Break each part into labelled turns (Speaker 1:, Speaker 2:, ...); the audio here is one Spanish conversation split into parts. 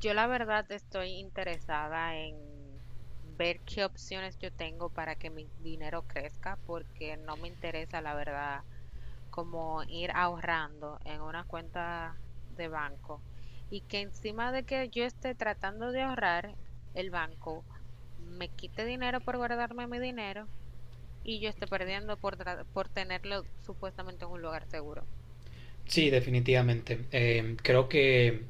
Speaker 1: Yo la verdad estoy interesada en ver qué opciones yo tengo para que mi dinero crezca, porque no me interesa, la verdad, como ir ahorrando en una cuenta de banco y que encima de que yo esté tratando de ahorrar, el banco me quite dinero por guardarme mi dinero y yo esté perdiendo por tenerlo supuestamente en un lugar seguro.
Speaker 2: Sí, definitivamente. Creo que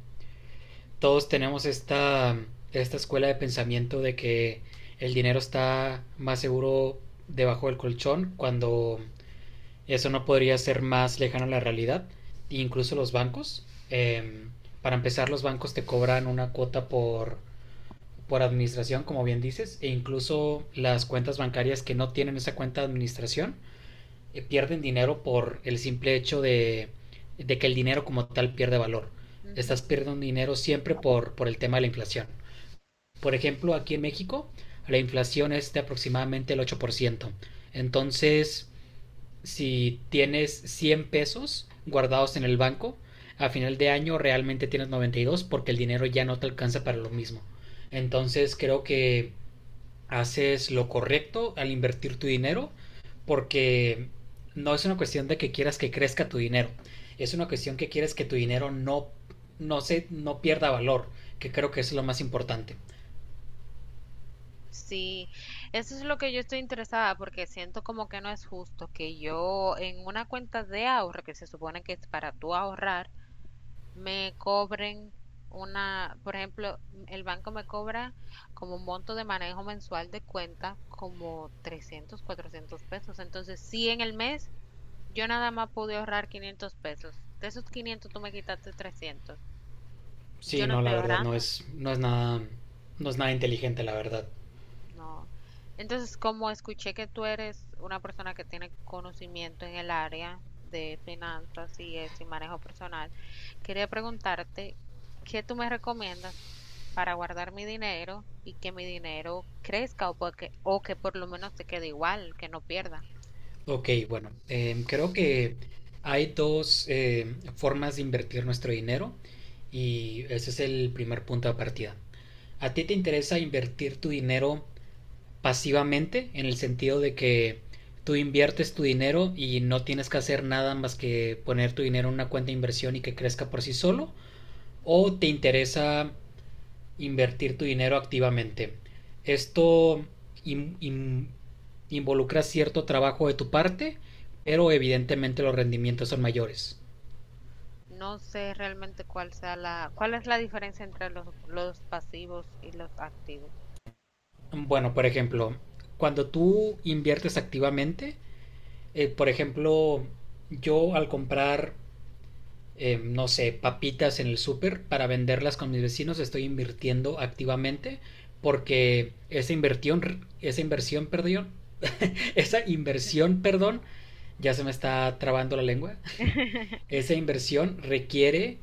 Speaker 2: todos tenemos esta escuela de pensamiento de que el dinero está más seguro debajo del colchón cuando eso no podría ser más lejano a la realidad. Incluso los bancos. Para empezar, los bancos te cobran una cuota por administración, como bien dices, e incluso las cuentas bancarias que no tienen esa cuenta de administración pierden dinero por el simple hecho de, que el dinero como tal pierde valor.
Speaker 1: Ujú.
Speaker 2: Estás perdiendo dinero siempre por el tema de la inflación. Por ejemplo, aquí en México la inflación es de aproximadamente el 8%. Entonces, si tienes 100 pesos guardados en el banco, a final de año realmente tienes 92 porque el dinero ya no te alcanza para lo mismo. Entonces creo que haces lo correcto al invertir tu dinero, porque no es una cuestión de que quieras que crezca tu dinero, es una cuestión que quieres que tu dinero no pierda valor, que creo que es lo más importante.
Speaker 1: Sí, eso es lo que yo estoy interesada porque siento como que no es justo que yo en una cuenta de ahorro que se supone que es para tú ahorrar, me cobren una, por ejemplo, el banco me cobra como un monto de manejo mensual de cuenta como 300, 400 pesos. Entonces, si en el mes yo nada más pude ahorrar 500 pesos, de esos 500 tú me quitaste 300. Yo
Speaker 2: Sí,
Speaker 1: no
Speaker 2: no,
Speaker 1: estoy
Speaker 2: la verdad,
Speaker 1: ahorrando.
Speaker 2: no es nada, no es nada inteligente, la verdad.
Speaker 1: No. Entonces, como escuché que tú eres una persona que tiene conocimiento en el área de finanzas y eso y manejo personal, quería preguntarte, ¿qué tú me recomiendas para guardar mi dinero y que mi dinero crezca o que por lo menos se quede igual, que no pierda?
Speaker 2: Ok, bueno, creo que hay dos formas de invertir nuestro dinero y ese es el primer punto de partida. ¿A ti te interesa invertir tu dinero pasivamente, en el sentido de que tú inviertes tu dinero y no tienes que hacer nada más que poner tu dinero en una cuenta de inversión y que crezca por sí solo, o te interesa invertir tu dinero activamente? Esto in- in- involucra cierto trabajo de tu parte, pero evidentemente los rendimientos son mayores.
Speaker 1: No sé realmente cuál sea cuál es la diferencia entre los pasivos y los activos.
Speaker 2: Bueno, por ejemplo, cuando tú inviertes activamente, por ejemplo, yo al comprar no sé, papitas en el súper para venderlas con mis vecinos, estoy invirtiendo activamente porque esa inversión, perdón, ya se me está trabando la lengua, esa inversión requiere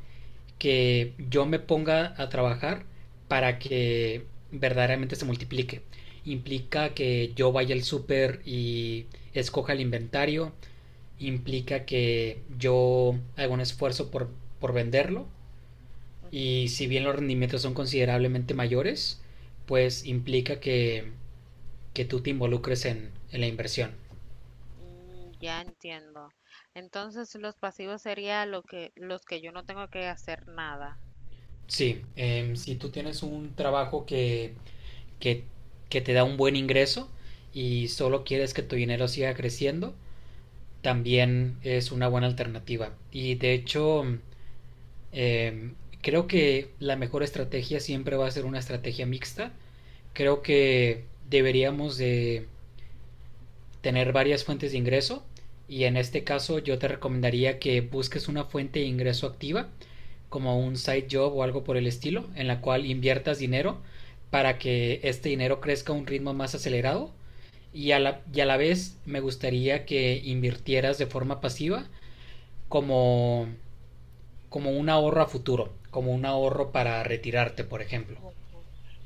Speaker 2: que yo me ponga a trabajar para que verdaderamente se multiplique. Implica que yo vaya al súper y escoja el inventario, implica que yo haga un esfuerzo por venderlo y si bien los rendimientos son considerablemente mayores, pues implica que tú te involucres en la inversión.
Speaker 1: Mm, ya entiendo. Entonces, los pasivos sería los que yo no tengo que hacer nada.
Speaker 2: Sí, si tú tienes un trabajo que, que te da un buen ingreso y solo quieres que tu dinero siga creciendo, también es una buena alternativa. Y de hecho, em, creo que la mejor estrategia siempre va a ser una estrategia mixta. Creo que deberíamos de tener varias fuentes de ingreso y en este caso yo te recomendaría que busques una fuente de ingreso activa como un side job o algo por el estilo en la cual inviertas dinero para que este dinero crezca a un ritmo más acelerado y y a la vez me gustaría que invirtieras de forma pasiva como, como un ahorro a futuro, como un ahorro para retirarte, por ejemplo.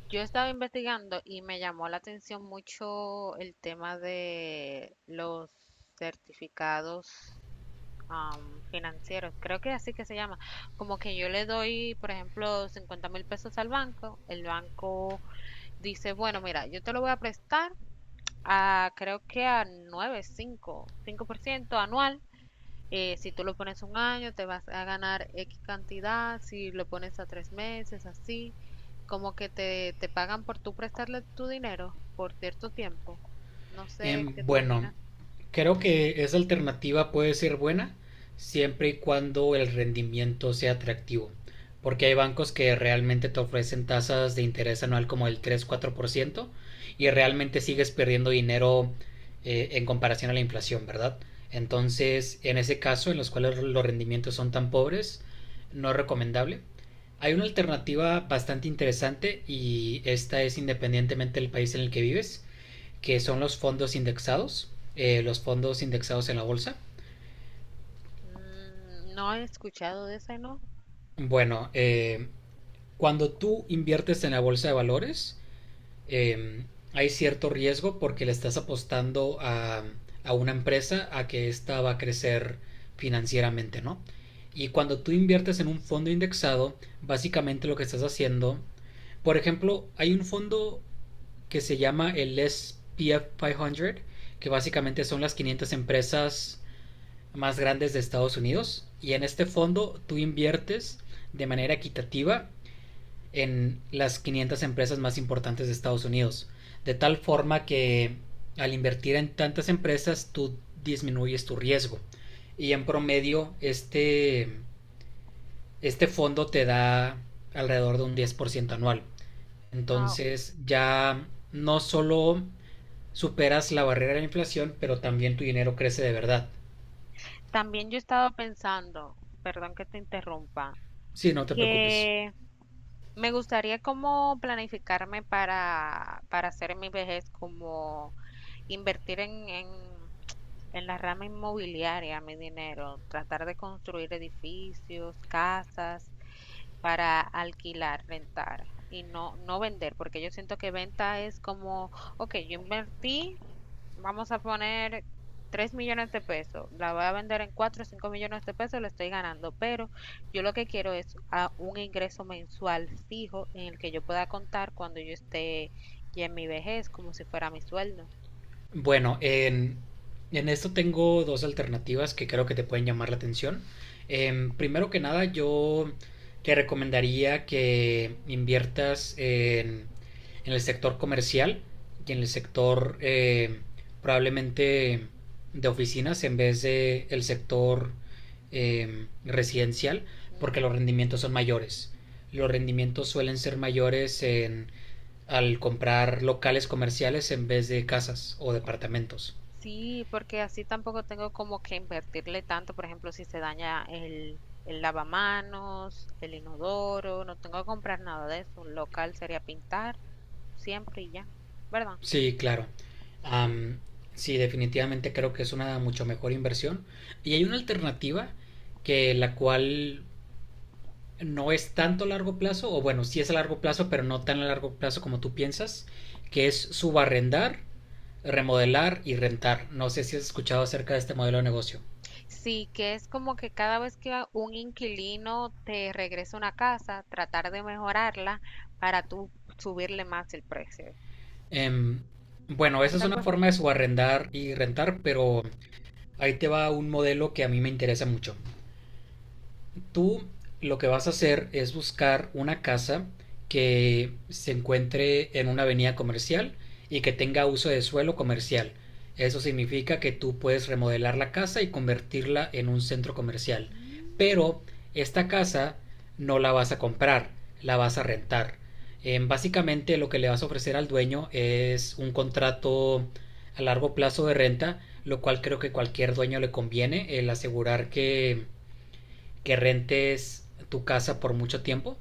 Speaker 1: Yo estaba investigando y me llamó la atención mucho el tema de los certificados financieros. Creo que así que se llama. Como que yo le doy, por ejemplo, 50 mil pesos al banco. El banco dice, bueno, mira, yo te lo voy a prestar a creo que a 9, 5, ciento anual. Si tú lo pones un año, te vas a ganar X cantidad, si lo pones a tres meses, así, como que te pagan por tú prestarle tu dinero por cierto tiempo. No sé
Speaker 2: Eh,
Speaker 1: qué tú
Speaker 2: bueno,
Speaker 1: opinas.
Speaker 2: creo que esa alternativa puede ser buena siempre y cuando el rendimiento sea atractivo, porque hay bancos que realmente te ofrecen tasas de interés anual como el 3 4% y
Speaker 1: Ujú.
Speaker 2: realmente sigues perdiendo dinero en comparación a la inflación, ¿verdad? Entonces, en ese caso, en los cuales los rendimientos son tan pobres, no es recomendable. Hay una alternativa bastante interesante y esta es independientemente del país en el que vives, que son los fondos indexados en la bolsa.
Speaker 1: No he escuchado de ese, ¿no?
Speaker 2: Bueno, cuando tú inviertes en la bolsa de valores, eh, hay cierto riesgo porque le estás apostando a una empresa a que ésta va a crecer financieramente, ¿no? Y cuando tú inviertes en un fondo indexado, básicamente lo que estás haciendo, por ejemplo, hay un fondo que se llama el SPF 500, que básicamente son las 500 empresas más grandes de Estados Unidos, y en este fondo tú inviertes de manera equitativa en las 500 empresas más importantes de Estados Unidos. De tal forma que al invertir en tantas empresas tú disminuyes tu riesgo. Y en promedio este fondo te da alrededor de un 10% anual.
Speaker 1: No.
Speaker 2: Entonces ya no solo superas la barrera de la inflación, pero también tu dinero crece de verdad.
Speaker 1: También yo he estado pensando, perdón que te interrumpa,
Speaker 2: Sí, no te preocupes.
Speaker 1: que me gustaría como planificarme para hacer mi vejez, como invertir en la rama inmobiliaria, mi dinero, tratar de construir edificios, casas para alquilar, rentar y no, no vender, porque yo siento que venta es como, ok, yo invertí, vamos a poner 3 millones de pesos, la voy a vender en 4 o 5 millones de pesos, lo estoy ganando, pero yo lo que quiero es un ingreso mensual fijo en el que yo pueda contar cuando yo esté ya en mi vejez, como si fuera mi sueldo.
Speaker 2: Bueno, en esto tengo dos alternativas que creo que te pueden llamar la atención. Primero que nada, yo te recomendaría que inviertas en el sector comercial y en el sector probablemente de oficinas en vez de el sector residencial,
Speaker 1: Mm.
Speaker 2: porque los rendimientos son mayores. Los rendimientos suelen ser mayores al comprar locales comerciales en vez de casas o departamentos.
Speaker 1: Sí, porque así tampoco tengo como que invertirle tanto, por ejemplo, si se daña el lavamanos, el inodoro, no tengo que comprar nada de eso. Local sería pintar, siempre y ya, ¿verdad?
Speaker 2: Sí, claro.
Speaker 1: Sí.
Speaker 2: Am, sí, definitivamente creo que es una mucho mejor inversión. Y hay una alternativa que la cual no es tanto a largo plazo, o bueno, sí es a largo plazo, pero no tan a largo plazo como tú piensas, que es subarrendar, remodelar y rentar. No sé si has escuchado acerca de este modelo de negocio.
Speaker 1: Sí, que es como que cada vez que un inquilino te regresa una casa, tratar de mejorarla para tú subirle más el precio.
Speaker 2: Em, bueno,
Speaker 1: ¿No
Speaker 2: esa
Speaker 1: es
Speaker 2: es una
Speaker 1: algo así?
Speaker 2: forma de subarrendar y rentar, pero ahí te va un modelo que a mí me interesa mucho. Tú lo que vas a hacer es buscar una casa que se encuentre en una avenida comercial y que tenga uso de suelo comercial. Eso significa que tú puedes remodelar la casa y convertirla en un centro comercial. Pero esta casa no la vas a comprar, la vas a rentar. Básicamente lo que le vas a ofrecer al dueño es un contrato a largo plazo de renta, lo cual creo que cualquier dueño le conviene el asegurar que rentes tu casa por mucho tiempo.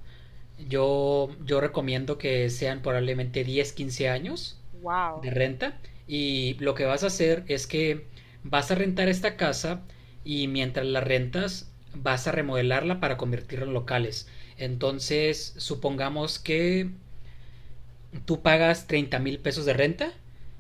Speaker 2: Yo recomiendo que sean probablemente 10 15 años
Speaker 1: Wow.
Speaker 2: de renta, y lo que vas a hacer es que vas a rentar esta casa y mientras la rentas vas a remodelarla para convertirla en locales. Entonces, supongamos que tú pagas 30 mil pesos de renta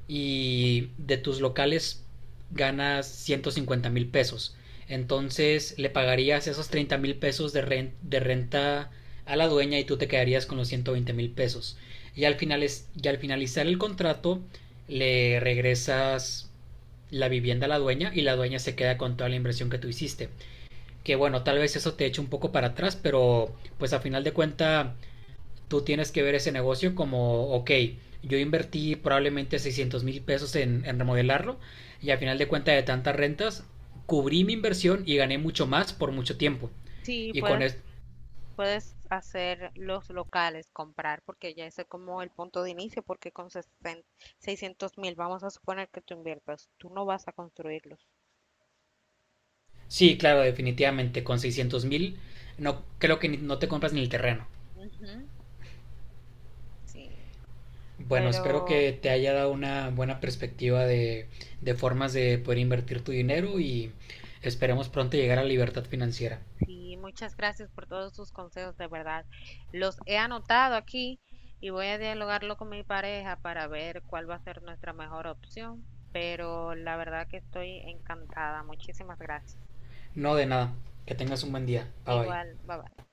Speaker 2: y de tus locales ganas 150 mil pesos. Entonces le pagarías esos 30 mil pesos de renta a la dueña y tú te quedarías con los 120 mil pesos. Y al, y al finalizar el contrato le regresas la vivienda a la dueña y la dueña se queda con toda la inversión que tú hiciste. Que bueno, tal vez eso te eche un poco para atrás, pero pues a final de cuenta tú tienes que ver ese negocio como, ok, yo invertí probablemente 600 mil pesos en remodelarlo y al final de cuenta de tantas rentas, cubrí mi inversión y gané mucho más por mucho tiempo.
Speaker 1: Sí,
Speaker 2: Y con
Speaker 1: puede
Speaker 2: esto,
Speaker 1: Puedes hacer los locales, comprar, porque ya ese es como el punto de inicio, porque con 600 mil, vamos a suponer que tú inviertas, tú no vas a construirlos.
Speaker 2: sí, claro, definitivamente, con 600 mil, no, creo que no te compras ni el terreno.
Speaker 1: Ujú, sí.
Speaker 2: Bueno, espero
Speaker 1: Pero
Speaker 2: que te haya dado una buena perspectiva de formas de poder invertir tu dinero y esperemos pronto llegar a la libertad financiera.
Speaker 1: sí, muchas gracias por todos sus consejos, de verdad. Los he anotado aquí y voy a dialogarlo con mi pareja para ver cuál va a ser nuestra mejor opción. Pero la verdad que estoy encantada. Muchísimas gracias.
Speaker 2: No, de nada, que tengas un buen día. Bye bye.
Speaker 1: Igual, bye bye.